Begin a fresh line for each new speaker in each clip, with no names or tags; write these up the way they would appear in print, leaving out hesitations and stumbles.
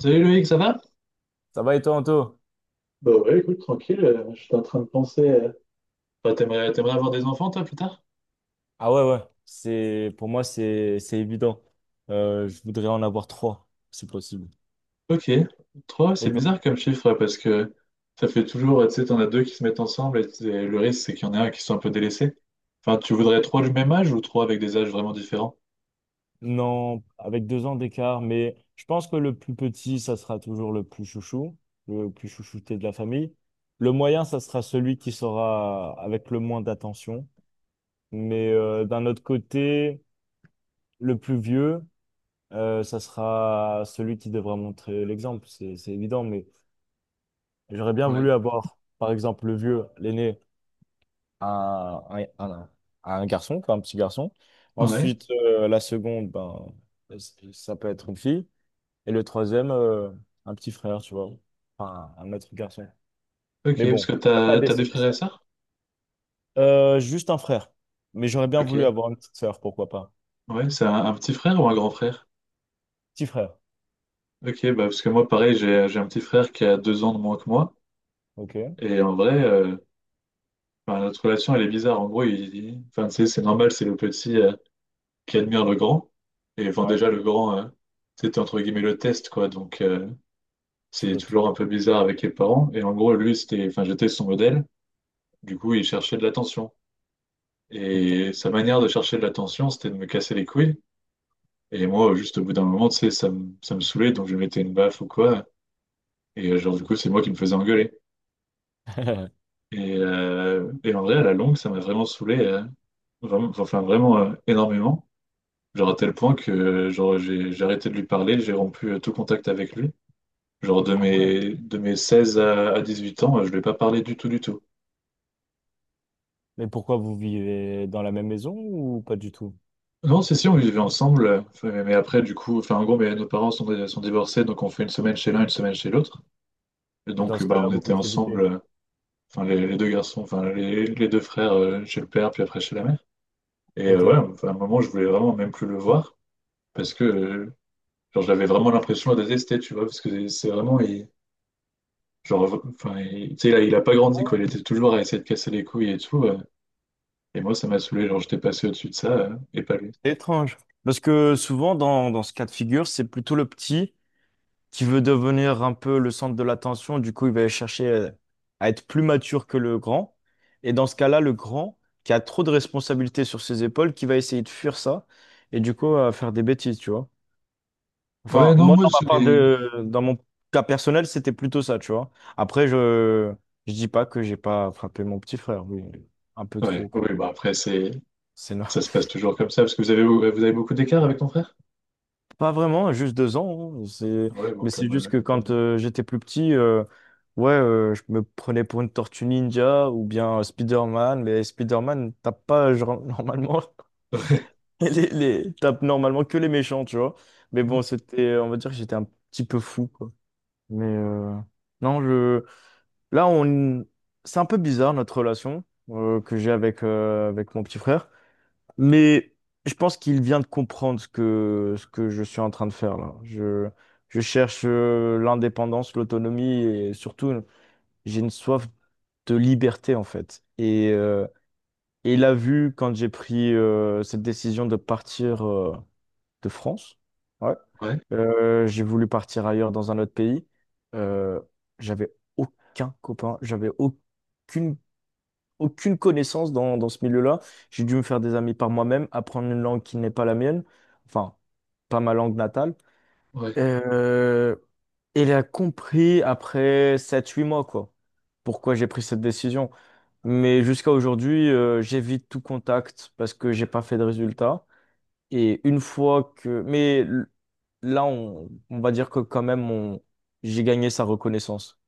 Salut Loïc, ça va?
Ça va et toi, Anto?
Ouais, écoute, tranquille, je suis en train de penser. T'aimerais avoir des enfants, toi, plus tard?
Ah ouais, ouais. C'est, pour moi, c'est évident. Je voudrais en avoir trois, si possible.
Ok. Trois, c'est
Et toi?
bizarre comme chiffre, ouais, parce que ça fait toujours, tu sais, t'en as deux qui se mettent ensemble, et le risque, c'est qu'il y en a un qui soit un peu délaissé. Enfin, tu voudrais trois du même âge ou trois avec des âges vraiment différents?
Non, avec 2 ans d'écart, mais je pense que le plus petit, ça sera toujours le plus chouchou, le plus chouchouté de la famille. Le moyen, ça sera celui qui sera avec le moins d'attention. Mais d'un autre côté, le plus vieux, ça sera celui qui devra montrer l'exemple. C'est évident, mais j'aurais bien
Ouais.
voulu avoir, par exemple, le vieux, l'aîné. à un, à un- Garçon, quoi, un petit garçon.
Ouais.
Ensuite, la seconde, ben, ça peut être une fille. Et le troisième, un petit frère, tu vois. Enfin, un autre garçon.
Ok,
Mais
parce
bon,
que
on peut pas
t'as des
décider
frères et
ça.
sœurs?
Juste un frère. Mais j'aurais bien
Ok.
voulu avoir une petite sœur, pourquoi pas.
Ouais, c'est un petit frère ou un grand frère?
Petit frère.
Ok, bah parce que moi, pareil, j'ai un petit frère qui a 2 ans de moins que moi.
Ok.
Et en vrai, enfin, notre relation, elle est bizarre. En gros, enfin, tu sais, c'est normal, c'est le petit qui admire le grand. Et enfin,
Ouais,
déjà, le grand, c'était entre guillemets le test, quoi. Donc,
tu
c'est
dois tout,
toujours un peu bizarre avec les parents. Et en gros, lui, c'était, enfin, j'étais son modèle. Du coup, il cherchait de l'attention.
tout le temps.
Et sa manière de chercher de l'attention, c'était de me casser les couilles. Et moi, juste au bout d'un moment, tu sais, ça me saoulait. Donc, je lui mettais une baffe ou quoi. Et genre, du coup, c'est moi qui me faisais engueuler. Et en vrai, à la longue, ça m'a vraiment saoulé, vraiment, enfin vraiment énormément. Genre à tel point que genre, j'ai arrêté de lui parler, j'ai rompu tout contact avec lui. Genre
Ah ouais.
de mes 16 à 18 ans, je ne lui ai pas parlé du tout, du tout.
Mais pourquoi vous vivez dans la même maison ou pas du tout?
Non, c'est si, on vivait ensemble, enfin, mais après, du coup, enfin en gros, mais nos parents sont divorcés, donc on fait une semaine chez l'un, une semaine chez l'autre. Et
Et dans
donc,
ce
bah,
cas-là,
on
vous
était
vous
ensemble,
évitez.
enfin les deux garçons, enfin les deux frères chez le père, puis après chez la mère. Et
Ok.
ouais, enfin, à un moment, je voulais vraiment même plus le voir parce que Genre, j'avais vraiment l'impression de la détester, tu vois, parce que c'est genre, enfin, tu sais, il a pas grandi, quoi. Il était toujours à essayer de casser les couilles et tout. Et moi, ça m'a saoulé. Genre, j'étais passé au-dessus de ça, et pas lui.
C'est étrange. Parce que souvent, dans ce cas de figure, c'est plutôt le petit qui veut devenir un peu le centre de l'attention. Du coup, il va chercher à être plus mature que le grand. Et dans ce cas-là, le grand, qui a trop de responsabilités sur ses épaules, qui va essayer de fuir ça et du coup, à faire des bêtises, tu vois.
Ouais,
Enfin,
non,
moi,
moi,
dans ma
c'est.
part
les-
de, dans mon cas personnel, c'était plutôt ça, tu vois. Après, je dis pas que j'ai pas frappé mon petit frère, mais un peu
Ouais,
trop, quoi.
oui, bah après, c'est.
C'est no-
Ça se passe toujours comme ça, parce que vous avez beaucoup d'écart avec ton frère?
Pas vraiment, juste 2 ans. Hein. C'est.
Ouais, bon,
Mais c'est
comme,
juste que
comme
quand
moi.
j'étais plus petit, ouais, je me prenais pour une tortue ninja ou bien Spider-Man. Mais Spider-Man tape pas genre, normalement et tape normalement que les méchants, tu vois. Mais bon, c'était, on va dire que j'étais un petit peu fou, quoi. Mais non, là, on... c'est un peu bizarre notre relation que j'ai avec mon petit frère. Mais je pense qu'il vient de comprendre ce que je suis en train de faire là. Je cherche l'indépendance, l'autonomie et surtout, j'ai une soif de liberté en fait. Et il a vu quand j'ai pris cette décision de partir de France. Ouais.
Ouais,
J'ai voulu partir ailleurs dans un autre pays. Euh, J'avais aucun copain, j'avais aucune connaissance dans ce milieu-là. J'ai dû me faire des amis par moi-même, apprendre une langue qui n'est pas la mienne, enfin, pas ma langue natale.
ouais,
Euh, et elle a compris après 7 8 mois, quoi, pourquoi j'ai pris cette décision. Mais jusqu'à aujourd'hui, j'évite tout contact parce que j'ai pas fait de résultat. Et une fois que. Mais là, on va dire que quand même, j'ai gagné sa reconnaissance.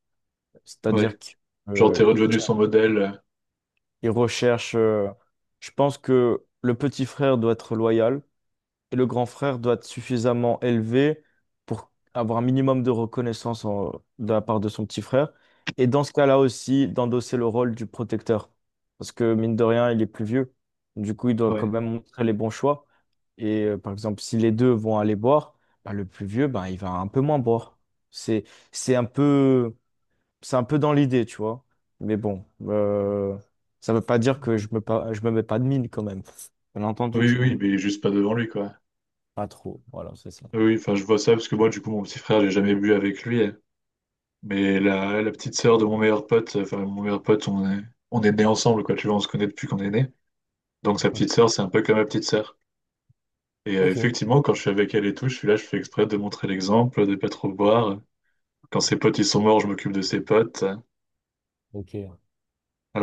ouais. Ouais.
C'est-à-dire qu'il.
Genre, t'es redevenu son modèle.
Ils recherchent. Je pense que le petit frère doit être loyal et le grand frère doit être suffisamment élevé pour avoir un minimum de reconnaissance de la part de son petit frère. Et dans ce cas-là aussi, d'endosser le rôle du protecteur. Parce que mine de rien, il est plus vieux. Du coup, il doit quand
Ouais,
même montrer les bons choix. Et par exemple, si les deux vont aller boire, bah, le plus vieux, bah, il va un peu moins boire. C'est, c'est un peu dans l'idée, tu vois. Mais bon, ça veut pas dire que
ouais.
je me mets pas de mine quand même. Bien entendu que
Oui,
je m'en
oui,
mets
mais juste pas devant lui, quoi.
pas trop. Voilà, c'est ça.
Oui, enfin, je vois ça parce que moi, du coup, mon petit frère, j'ai jamais bu avec lui. Mais la petite sœur de mon meilleur pote, enfin mon meilleur pote, on est nés ensemble, quoi, tu vois, on se connaît depuis qu'on est nés. Donc sa
Ok,
petite sœur, c'est un peu comme ma petite sœur. Et
ok,
effectivement, quand je suis avec elle et tout, je suis là, je fais exprès de montrer l'exemple, de pas trop boire. Quand ses potes, ils sont morts, je m'occupe de ses potes.
ok.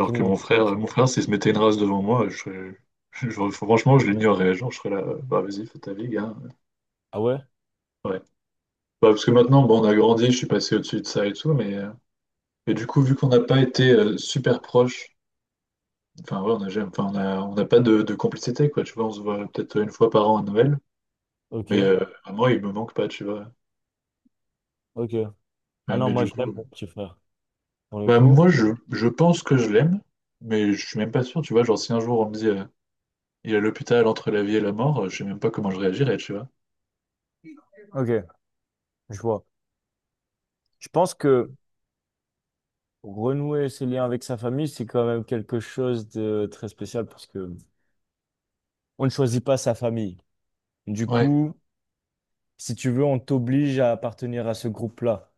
Tu
que
montes
mon
l'exemple.
frère, s'il se mettait une race devant moi, je, serais- je- franchement, je l'ignorerais. Genre, je serais là, bah vas-y, fais ta vie, gars.
Ah ouais?
Ouais. Bah, parce que maintenant, bon, on a grandi, je suis passé au-dessus de ça et tout, mais et du coup, vu qu'on n'a pas été super proches, enfin, ouais, on n'a jamais- enfin, on n'a pas de complicité, quoi. Tu vois, on se voit peut-être une fois par an à Noël,
Ok,
mais à moi, il me manque pas, tu vois.
ok. Ah
Ouais,
non,
mais
moi
du
je
coup,
l'aime mon petit frère, pour le
bah,
coup.
je pense que je l'aime, mais je suis même pas sûr, tu vois. Genre, si un jour on me dit il est à l'hôpital entre la vie et la mort, je sais même pas comment je réagirais, tu vois.
Ok, je vois. Je pense que renouer ses liens avec sa famille, c'est quand même quelque chose de très spécial parce que on ne choisit pas sa famille. Du
Ouais,
coup, si tu veux, on t'oblige à appartenir à ce groupe-là.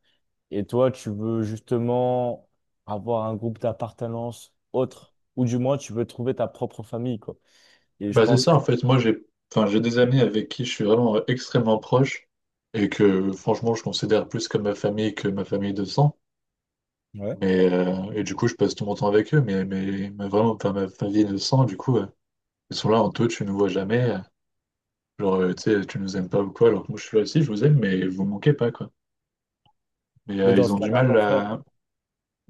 Et toi, tu veux justement avoir un groupe d'appartenance autre, ou du moins tu veux trouver ta propre famille, quoi. Et je
bah, c'est
pense
ça,
que,
en fait. Moi, j'ai enfin, j'ai des amis avec qui je suis vraiment extrêmement proche et que, franchement, je considère plus comme ma famille que ma famille de sang.
ouais.
Mais, et du coup, je passe tout mon temps avec eux, mais vraiment, pas ma famille de sang, du coup. Ils sont là en toi, tu nous vois jamais. Genre, tu sais, tu nous aimes pas ou quoi, alors que moi je suis là aussi, je vous aime, mais vous me manquez pas, quoi. Mais
Mais dans
ils
ce
ont du
cas-là,
mal
ton frère,
à.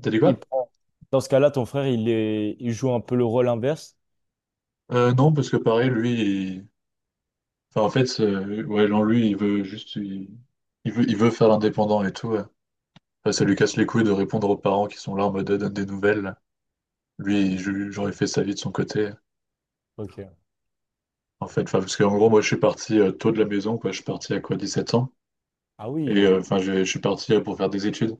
T'as dit
il
quoi?
prend- dans ce cas-là, ton frère, il joue un peu le rôle inverse.
Non, parce que pareil, lui, il- enfin, en fait, ouais, non, lui, il veut juste. Il il veut faire l'indépendant et tout. Ouais. Enfin, ça lui
Ok.
casse les couilles de répondre aux parents qui sont là en mode donne des nouvelles.
Ouais.
Lui, genre, il fait sa vie de son côté.
Ok.
En fait, enfin, parce qu'en gros, moi, je suis parti tôt de la maison, quoi. Je suis parti à quoi, 17 ans.
Ah
Et
oui.
enfin, je suis parti pour faire des études.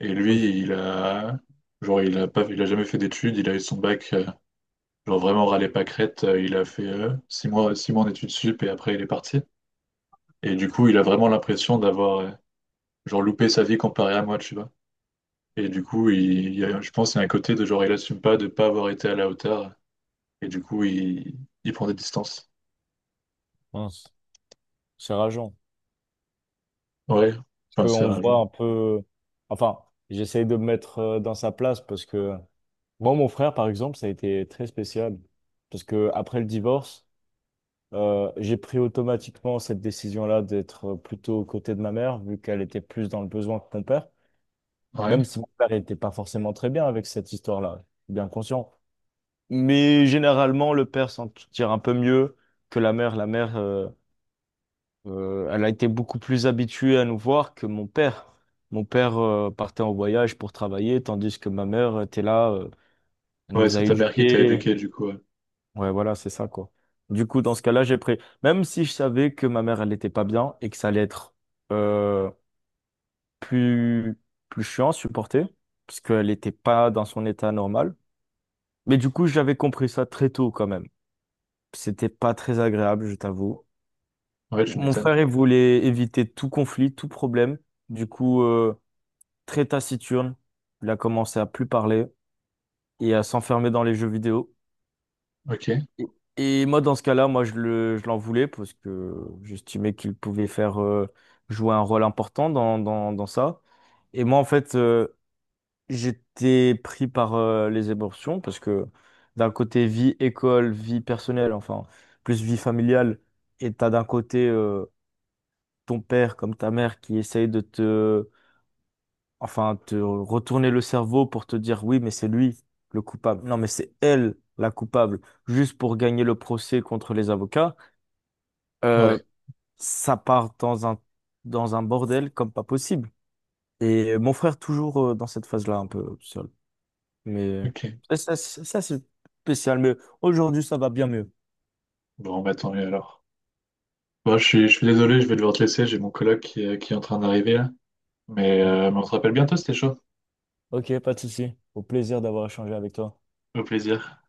Et
Ok.
genre, il a jamais fait d'études, il a eu son bac, genre vraiment râlé pas crête, il a fait 6 mois en études sup et après il est parti. Et du coup, il a vraiment l'impression d'avoir, genre, loupé sa vie comparé à moi, tu vois. Et du coup, je pense qu'il y a un côté de genre, il assume pas de pas avoir été à la hauteur. Et du coup, il prend des distances.
Mince. C'est rageant.
Ouais, enfin,
Parce
c'est
qu'on voit
rageant.
un peu, enfin, j'essaye de me mettre dans sa place parce que moi, mon frère, par exemple, ça a été très spécial. Parce que après le divorce, j'ai pris automatiquement cette décision-là d'être plutôt aux côtés de ma mère, vu qu'elle était plus dans le besoin que mon père,
Ouais,
même si mon père n'était pas forcément très bien avec cette histoire-là, je suis bien conscient. Mais généralement, le père s'en tire un peu mieux que la mère. La mère, elle a été beaucoup plus habituée à nous voir que mon père. Mon père, partait en voyage pour travailler, tandis que ma mère était là, elle
ouais,
nous
c'est
a
ta mère qui t'a
éduqués.
éduqué, du coup. Ouais.
Ouais, voilà, c'est ça, quoi. Du coup, dans ce cas-là, j'ai pris. Même si je savais que ma mère, elle n'était pas bien et que ça allait être euh, plus, plus chiant à supporter, parce qu'elle n'était pas dans son état normal. Mais du coup, j'avais compris ça très tôt, quand même. C'était pas très agréable, je t'avoue.
Ouais, tu
Mon
m'étonnes.
frère, il voulait éviter tout conflit, tout problème. Du coup, très taciturne, il a commencé à plus parler et à s'enfermer dans les jeux vidéo.
Ok,
Et et moi, dans ce cas-là, moi, je l'en voulais parce que j'estimais qu'il pouvait faire jouer un rôle important dans ça. Et moi, en fait, j'étais pris par les émotions parce que d'un côté, vie école, vie personnelle, enfin, plus vie familiale, et t'as d'un côté ton père comme ta mère qui essaye de te, enfin, te retourner le cerveau pour te dire oui, mais c'est lui le coupable. Non, mais c'est elle la coupable, juste pour gagner le procès contre les avocats. Euh,
ouais,
Ça part dans un bordel comme pas possible. Et mon frère, toujours dans cette phase-là, un peu seul. Mais
ok.
ça, c'est spécial. Mais aujourd'hui, ça va bien mieux.
Bon, bah tant mieux alors. Bon, je suis désolé, je vais devoir te laisser, j'ai mon coloc qui est en train d'arriver là.
Donc,
Mais on se rappelle bientôt, c'était chaud.
ok, pas de souci. Au plaisir d'avoir échangé avec toi.
Au plaisir.